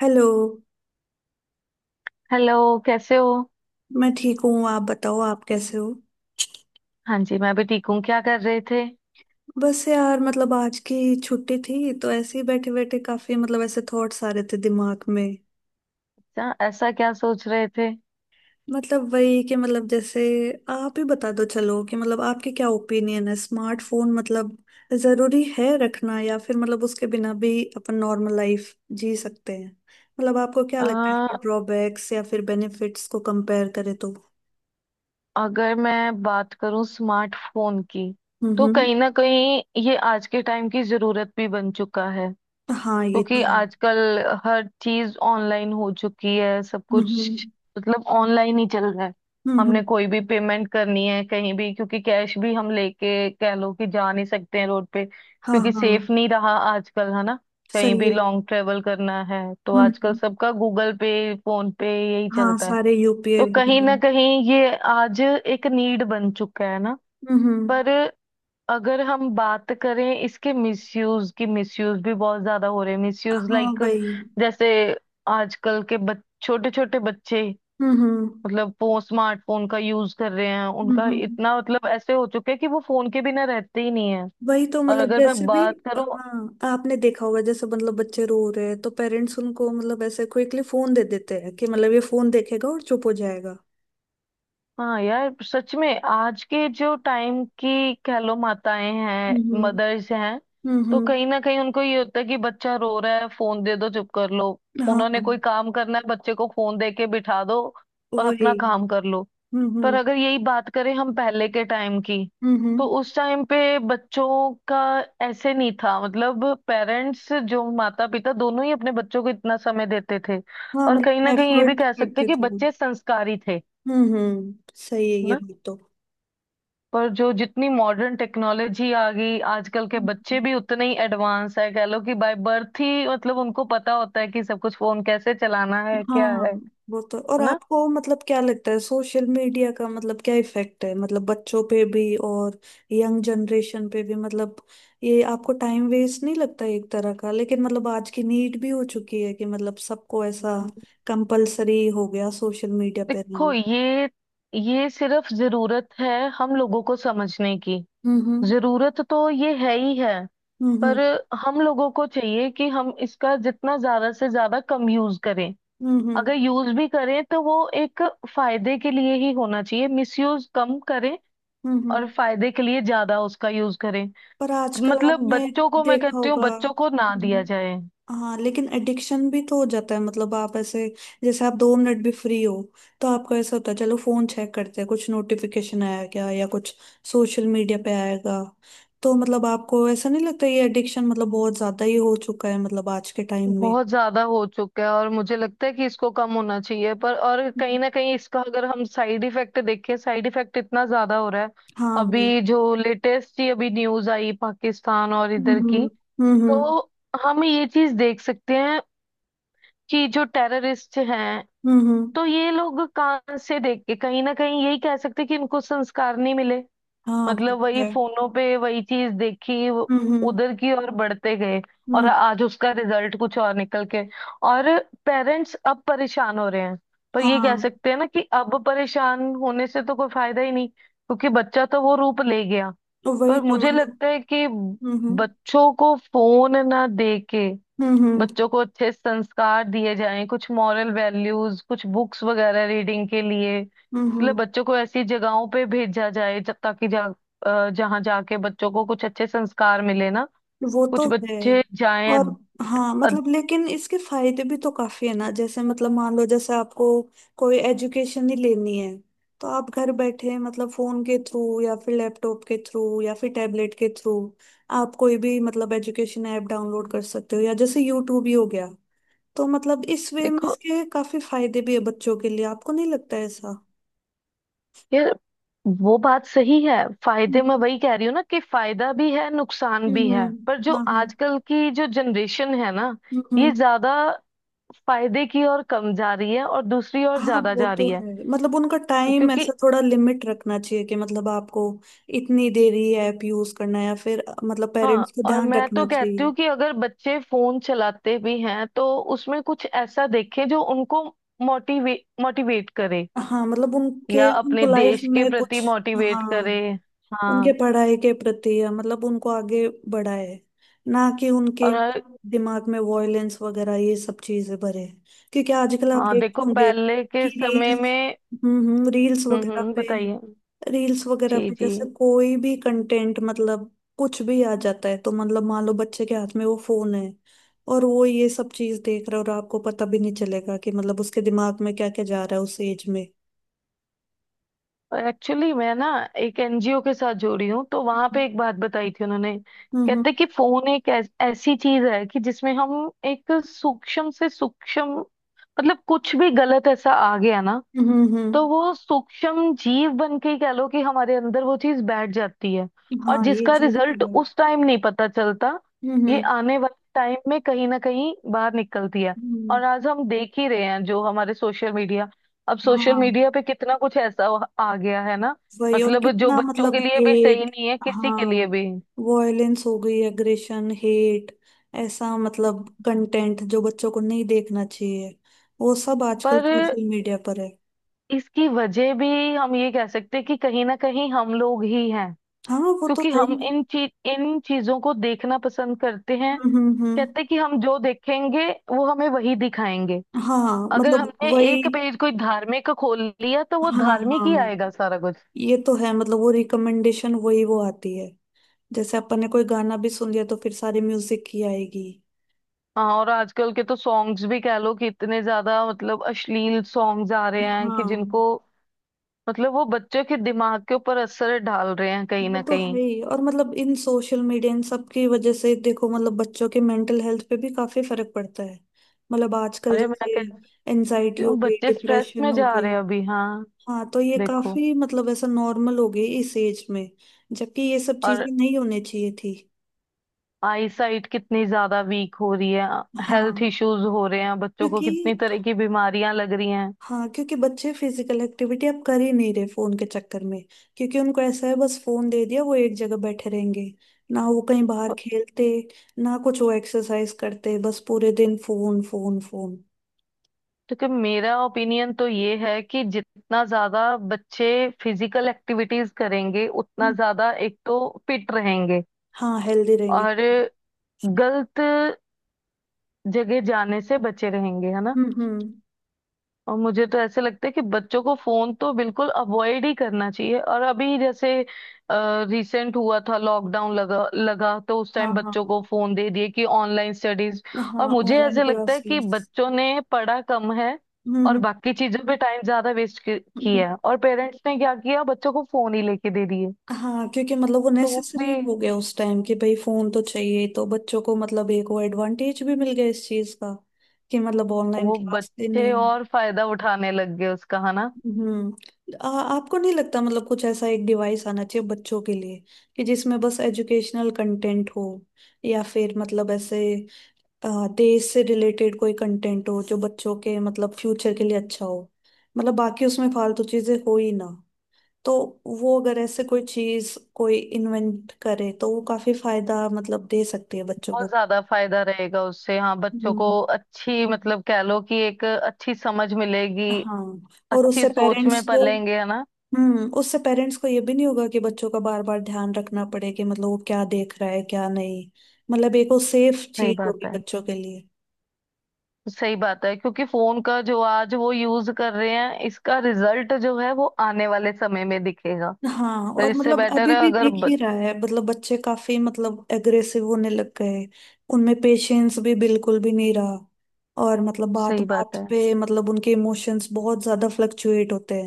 Hello. Hello. कैसे हो? मैं ठीक हूँ। आप बताओ, आप कैसे हो? हाँ जी, मैं भी ठीक हूँ। क्या कर रहे थे? बस यार, मतलब आज की छुट्टी थी तो ऐसे ही बैठे बैठे काफी मतलब ऐसे थॉट्स आ रहे थे दिमाग में। ऐसा क्या सोच रहे थे? मतलब वही कि मतलब जैसे आप ही बता दो, चलो कि मतलब आपके क्या ओपिनियन है स्मार्टफोन, मतलब जरूरी है रखना या फिर मतलब उसके बिना भी अपन नॉर्मल लाइफ जी सकते हैं। मतलब आपको क्या लगता है आ, इसके ड्रॉबैक्स या फिर बेनिफिट्स को कंपेयर करें तो? अगर मैं बात करूँ स्मार्टफोन की, तो हम्म। कहीं ना कहीं ये आज के टाइम की जरूरत भी बन चुका है। हाँ, ये तो क्योंकि है। आजकल हर चीज ऑनलाइन हो चुकी है, सब कुछ हम्म। मतलब ऑनलाइन ही चल रहा है। हम्म हम्म, हमने कोई भी पेमेंट करनी है कहीं भी, क्योंकि कैश भी हम लेके कह लो कि जा नहीं सकते हैं रोड पे, हाँ क्योंकि हाँ। सेफ नहीं रहा आजकल, है ना। कहीं सही भी है। लॉन्ग ट्रेवल करना है तो हम्म आजकल हम्म, सबका गूगल पे, फोन पे यही हाँ चलता है। सारे यूपीआई तो कहीं वगैरह। ना कहीं ये आज एक नीड बन चुका है ना। हम्म हम्म, पर अगर हम बात करें इसके मिसयूज की, मिसयूज भी बहुत ज्यादा हो रहे हैं। मिसयूज हाँ लाइक वही। जैसे आजकल के छोटे छोटे बच्चे, हम्म। मतलब वो स्मार्टफोन का यूज कर रहे हैं। हम्म, उनका हम्म, इतना मतलब ऐसे हो चुका है कि वो फोन के बिना रहते ही नहीं है। वही तो और मतलब अगर जैसे मैं भी। बात करूं, हाँ, आपने देखा होगा, जैसे मतलब बच्चे रो रहे हैं तो पेरेंट्स उनको मतलब ऐसे क्विकली फोन दे देते हैं कि मतलब ये फोन देखेगा और चुप हो जाएगा। हाँ यार सच में आज के जो टाइम की कह लो माताएं हैं, हम्म मदर्स हैं, हम्म तो हम्म, कहीं ना कहीं उनको ये होता है कि बच्चा रो रहा है, फोन दे दो चुप कर लो। हाँ उन्होंने कोई काम करना है बच्चे को फोन दे के बिठा दो और वही। अपना काम कर लो। हम्म पर हम्म अगर यही बात करें हम पहले के टाइम की, हम्म तो हम्म, उस टाइम पे बच्चों का ऐसे नहीं था। मतलब पेरेंट्स, जो माता पिता दोनों ही अपने बच्चों को इतना समय देते थे, हाँ और कहीं मतलब ना कहीं ये भी एफर्ट कह सकते हैं करते कि थे वो। बच्चे संस्कारी थे हम्म। सही है ये ना। बात पर जो जितनी मॉडर्न टेक्नोलॉजी आ गई, आजकल के तो। बच्चे भी उतने ही एडवांस है। कह लो कि बाय बर्थ ही मतलब उनको पता होता है कि सब कुछ फोन कैसे चलाना है, क्या हाँ, है वो तो। और है ना। आपको मतलब क्या लगता है सोशल मीडिया का मतलब क्या इफेक्ट है? मतलब बच्चों पे भी और यंग जनरेशन पे भी। मतलब ये आपको टाइम वेस्ट नहीं लगता एक तरह का? लेकिन मतलब आज की नीड भी हो चुकी है कि मतलब सबको ऐसा कंपलसरी हो गया सोशल मीडिया पे देखो, रहना। ये सिर्फ जरूरत है हम लोगों को समझने की। हम्म जरूरत तो ये है ही है, हम्म पर हम्म हम लोगों को चाहिए कि हम इसका जितना ज्यादा से ज्यादा कम यूज करें। हम्म हम्म अगर यूज भी करें तो वो एक फायदे के लिए ही होना चाहिए। मिसयूज कम करें हम्म, और हम्म। फायदे के लिए ज्यादा उसका यूज करें। पर आजकल मतलब आपने बच्चों को, मैं देखा कहती हूँ होगा। बच्चों को ना दिया जाए। हाँ, लेकिन एडिक्शन भी तो हो जाता है मतलब। आप ऐसे, जैसे आप दो मिनट भी फ्री हो तो आपको ऐसा होता है चलो फोन चेक करते हैं, कुछ नोटिफिकेशन आया क्या या कुछ सोशल मीडिया पे आएगा। तो मतलब आपको ऐसा नहीं लगता ये एडिक्शन मतलब बहुत ज्यादा ही हो चुका है मतलब आज के टाइम में? बहुत ज्यादा हो चुका है, और मुझे लगता है कि इसको कम होना चाहिए। पर और हम्म। कहीं ना कहीं इसका अगर हम साइड इफेक्ट देखें, साइड इफेक्ट इतना ज्यादा हो रहा है। हाँ वही। अभी जो लेटेस्ट ही अभी न्यूज आई पाकिस्तान और इधर की, हम्म हम्म हम्म तो हम ये चीज देख सकते हैं कि जो टेररिस्ट हैं, हम्म। तो ये लोग कहाँ से देख के, कहीं ना कहीं यही कह सकते हैं कि इनको संस्कार नहीं मिले। हाँ वो मतलब तो वही है। फोनों पे वही चीज देखी, हम्म हम्म उधर की ओर बढ़ते गए, और हम्म, आज उसका रिजल्ट कुछ और निकल के, और पेरेंट्स अब परेशान हो रहे हैं। पर ये कह हाँ सकते हैं ना कि अब परेशान होने से तो कोई फायदा ही नहीं, क्योंकि बच्चा तो वो रूप ले गया। वही पर तो मुझे मतलब। लगता है कि हम्म हम्म बच्चों को फोन ना दे के हम्म हम्म बच्चों को अच्छे संस्कार दिए जाएं, कुछ मॉरल वैल्यूज, कुछ बुक्स वगैरह रीडिंग के लिए। मतलब हम्म। बच्चों को ऐसी जगहों पे भेजा जाए जब ताकि जहाँ जाके बच्चों को कुछ अच्छे संस्कार मिले ना, वो कुछ तो है। बच्चे जाएं। और हाँ अ, मतलब, लेकिन इसके फायदे भी तो काफी है ना। जैसे मतलब मान लो, जैसे आपको कोई एजुकेशन ही लेनी है तो आप घर बैठे मतलब फोन के थ्रू या फिर लैपटॉप के थ्रू या फिर टैबलेट के थ्रू आप कोई भी मतलब एजुकेशन ऐप डाउनलोड कर सकते हो, या जैसे यूट्यूब ही हो गया। तो मतलब इस वे में देखो, इसके काफी फायदे भी है बच्चों के लिए, आपको नहीं लगता ऐसा? ये वो बात सही है। फायदे, मैं हम्म वही कह रही हूँ ना कि फायदा भी है, नुकसान भी हम्म है। पर हम्म, जो हाँ हाँ। आजकल की जो जनरेशन है ना, हम्म हम्म। ये ज्यादा फायदे की ओर कम जा रही है, और दूसरी ओर हाँ ज्यादा वो जा तो रही है। है, मतलब उनका टाइम क्योंकि ऐसा थोड़ा लिमिट रखना चाहिए कि मतलब आपको इतनी देर ही ऐप यूज करना है, या फिर मतलब पेरेंट्स हाँ, को और ध्यान मैं तो रखना कहती हूँ चाहिए। कि अगर बच्चे फोन चलाते भी हैं तो उसमें कुछ ऐसा देखें जो उनको मोटिवे मोटिवेट करे, हाँ मतलब उनके या उनको अपने लाइफ देश के में प्रति कुछ, मोटिवेट करे। हाँ उनके हाँ। पढ़ाई के प्रति या मतलब उनको आगे बढ़ाए, ना कि उनके और हर, दिमाग में वॉयलेंस वगैरह ये सब चीजें भरे। क्योंकि आजकल आप हाँ देखते देखो होंगे पहले कि के समय रील्स, में, रील्स वगैरह पे, बताइए। रील्स वगैरह जी पे जी, जैसे कोई भी कंटेंट मतलब कुछ भी आ जाता है। तो मतलब मान लो बच्चे के हाथ में वो फोन है और वो ये सब चीज देख रहा है और आपको पता भी नहीं चलेगा कि मतलब उसके दिमाग में क्या क्या जा रहा है उस एज में। एक्चुअली मैं ना एक एनजीओ के साथ जुड़ी हूँ, तो वहां हम्म पे एक बात बताई थी उन्होंने। कहते कि फोन एक ऐसी चीज है कि जिसमें हम एक सूक्ष्म से सूक्ष्म मतलब कुछ भी गलत ऐसा आ गया ना, हम्म हम्म तो हम्म। वो सूक्ष्म जीव बन के ही कह लो कि हमारे अंदर वो चीज बैठ जाती है। और हाँ ये जिसका चीज तो रिजल्ट है। उस टाइम नहीं पता चलता, ये हम्म। आने वाले टाइम में कहीं ना कहीं बाहर निकलती है। हम्म। और आज हम देख ही रहे हैं जो हमारे सोशल मीडिया, अब सोशल हाँ मीडिया पे कितना कुछ ऐसा आ गया है ना, वही। और मतलब जो कितना बच्चों मतलब के लिए भी सही हेट, नहीं है, किसी के लिए हाँ, भी। वॉयलेंस हो गई, एग्रेशन, हेट, ऐसा मतलब कंटेंट जो बच्चों को नहीं देखना चाहिए, वो सब आजकल पर सोशल मीडिया पर है। इसकी वजह भी हम ये कह सकते हैं कि कहीं ना कहीं हम लोग ही हैं, हाँ वो तो क्योंकि है हम ही। इन चीजों को देखना पसंद करते हैं। हम्म, कहते कि हम जो देखेंगे वो हमें वही दिखाएंगे। हाँ अगर मतलब हमने वही। एक पेज कोई धार्मिक का खोल लिया तो वो हाँ धार्मिक ही हाँ, आएगा सारा कुछ। ये तो है, मतलब वो रिकमेंडेशन वही वो आती है। जैसे अपन ने कोई गाना भी सुन लिया तो फिर सारी म्यूजिक की आएगी। हाँ और आजकल के तो सॉन्ग्स भी कह लो कि इतने ज्यादा मतलब अश्लील सॉन्ग्स आ रहे हैं, कि जिनको हाँ मतलब वो बच्चों के दिमाग के ऊपर असर डाल रहे हैं कहीं वो ना तो कहीं। है ही। और मतलब इन सोशल मीडिया इन सब की वजह से देखो मतलब बच्चों के मेंटल हेल्थ पे भी काफी फर्क पड़ता है। मतलब आजकल अरे मैं जैसे कहती एनजाइटी हो हूँ गई, बच्चे स्ट्रेस में डिप्रेशन हो जा रहे गई। हैं अभी। हाँ हाँ, तो ये देखो, काफी मतलब ऐसा नॉर्मल हो गई इस एज में, जबकि ये सब और चीजें नहीं होनी चाहिए थी। आई साइट कितनी ज्यादा वीक हो रही है, हेल्थ हाँ इश्यूज हो रहे हैं, बच्चों को कितनी क्योंकि, तरह की बीमारियां लग रही हैं। हाँ क्योंकि बच्चे फिजिकल एक्टिविटी अब कर ही नहीं रहे फोन के चक्कर में। क्योंकि उनको ऐसा है, बस फोन दे दिया, वो एक जगह बैठे रहेंगे। ना वो कहीं बाहर खेलते, ना कुछ वो एक्सरसाइज करते, बस पूरे दिन फोन फोन फोन। क्योंकि मेरा ओपिनियन तो ये है कि जितना ज्यादा बच्चे फिजिकल एक्टिविटीज करेंगे उतना हम्म, ज्यादा एक तो फिट रहेंगे, हाँ हेल्दी रहेंगे। और गलत जगह जाने से बचे रहेंगे, है ना। हम्म, और मुझे तो ऐसे लगता है कि बच्चों को फोन तो बिल्कुल अवॉइड ही करना चाहिए। और अभी जैसे रिसेंट हुआ था लॉकडाउन लगा लगा, तो उस हाँ टाइम बच्चों हाँ। को फोन दे दिए कि ऑनलाइन स्टडीज, हाँ और मुझे ऑनलाइन ऐसे लगता है कि क्लासेस। बच्चों ने पढ़ा कम है और हम्म बाकी चीजों पे टाइम ज्यादा वेस्ट हम्म, किया। और पेरेंट्स ने क्या किया, बच्चों को फोन ही लेके दे दिए, हाँ क्योंकि मतलब वो तो वो भी नेसेसरी हो गया उस टाइम कि भाई फोन तो चाहिए। तो बच्चों को मतलब एक वो एडवांटेज भी मिल गया इस चीज का कि मतलब ऑनलाइन वो क्लास देनी। बच्चे और फायदा उठाने लग गए उसका है। हम्म। आपको नहीं लगता मतलब कुछ ऐसा एक डिवाइस आना चाहिए बच्चों के लिए कि जिसमें बस एजुकेशनल कंटेंट हो, या फिर मतलब ऐसे देश से रिलेटेड कोई कंटेंट हो जो बच्चों के मतलब फ्यूचर के लिए अच्छा हो? मतलब बाकी उसमें फालतू चीजें हो ही ना। तो वो अगर ऐसे कोई चीज कोई इन्वेंट करे तो वो काफी फायदा मतलब दे सकती है बच्चों को। बहुत ज्यादा फायदा रहेगा उससे, हाँ बच्चों को हम्म। अच्छी मतलब कह लो कि एक अच्छी समझ मिलेगी, हाँ, और अच्छी उससे सोच पेरेंट्स में को, पलेंगे, है ना। उससे पेरेंट्स को ये भी नहीं होगा कि बच्चों का बार बार ध्यान रखना पड़े कि मतलब वो क्या देख रहा है क्या नहीं। मतलब एक वो सेफ सही चीज बात होगी है। बच्चों के लिए। सही बात है, क्योंकि फोन का जो आज वो यूज कर रहे हैं इसका रिजल्ट जो है वो आने वाले समय में दिखेगा। हाँ तो और इससे मतलब बेटर अभी है भी अगर दिख ही रहा है, मतलब बच्चे काफी मतलब एग्रेसिव होने लग गए, उनमें पेशेंस भी बिल्कुल भी नहीं रहा। और मतलब बात सही बात बात है। पे मतलब उनके इमोशंस बहुत ज्यादा फ्लक्चुएट होते।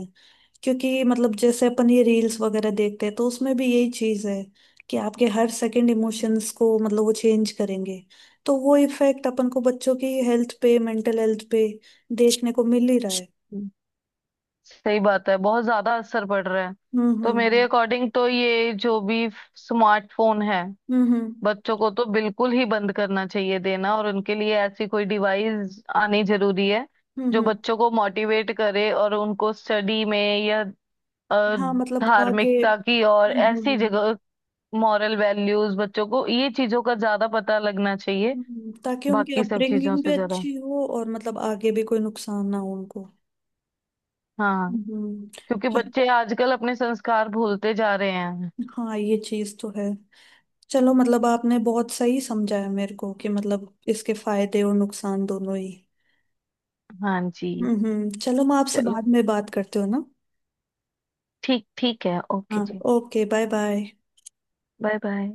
क्योंकि मतलब जैसे अपन ये रील्स वगैरह देखते हैं तो उसमें भी यही चीज है कि आपके हर सेकंड इमोशंस को मतलब वो चेंज करेंगे। तो वो इफेक्ट अपन को बच्चों की हेल्थ पे, मेंटल हेल्थ पे देखने को मिल ही रहा है। हम्म, सही बात है, बहुत ज्यादा असर पड़ रहा है। हम्म तो मेरे हम्म अकॉर्डिंग तो ये जो भी स्मार्टफोन है, हम्म हम्म बच्चों को तो बिल्कुल ही बंद करना चाहिए देना, और उनके लिए ऐसी कोई डिवाइस आनी जरूरी है हम्म जो हम्म। बच्चों को मोटिवेट करे, और उनको स्टडी में, या अ, हाँ मतलब आगे, धार्मिकता की और ऐसी जगह, मॉरल वैल्यूज, बच्चों को ये चीजों का ज्यादा पता लगना चाहिए ताकि उनकी बाकी सब चीजों अपब्रिंगिंग भी से ज्यादा। अच्छी हो और मतलब आगे भी कोई नुकसान ना हो उनको। हाँ, हम्म हम्म। क्योंकि च- बच्चे आजकल अपने संस्कार भूलते जा रहे हैं। हाँ ये चीज तो है। चलो, मतलब आपने बहुत सही समझाया मेरे को कि मतलब इसके फायदे और नुकसान दोनों ही। हाँ जी, हम्म। चलो, मैं आपसे चलो, बाद में बात करती हूँ ना। ठीक ठीक है, ओके हाँ, जी। Okay bye bye. Bye bye.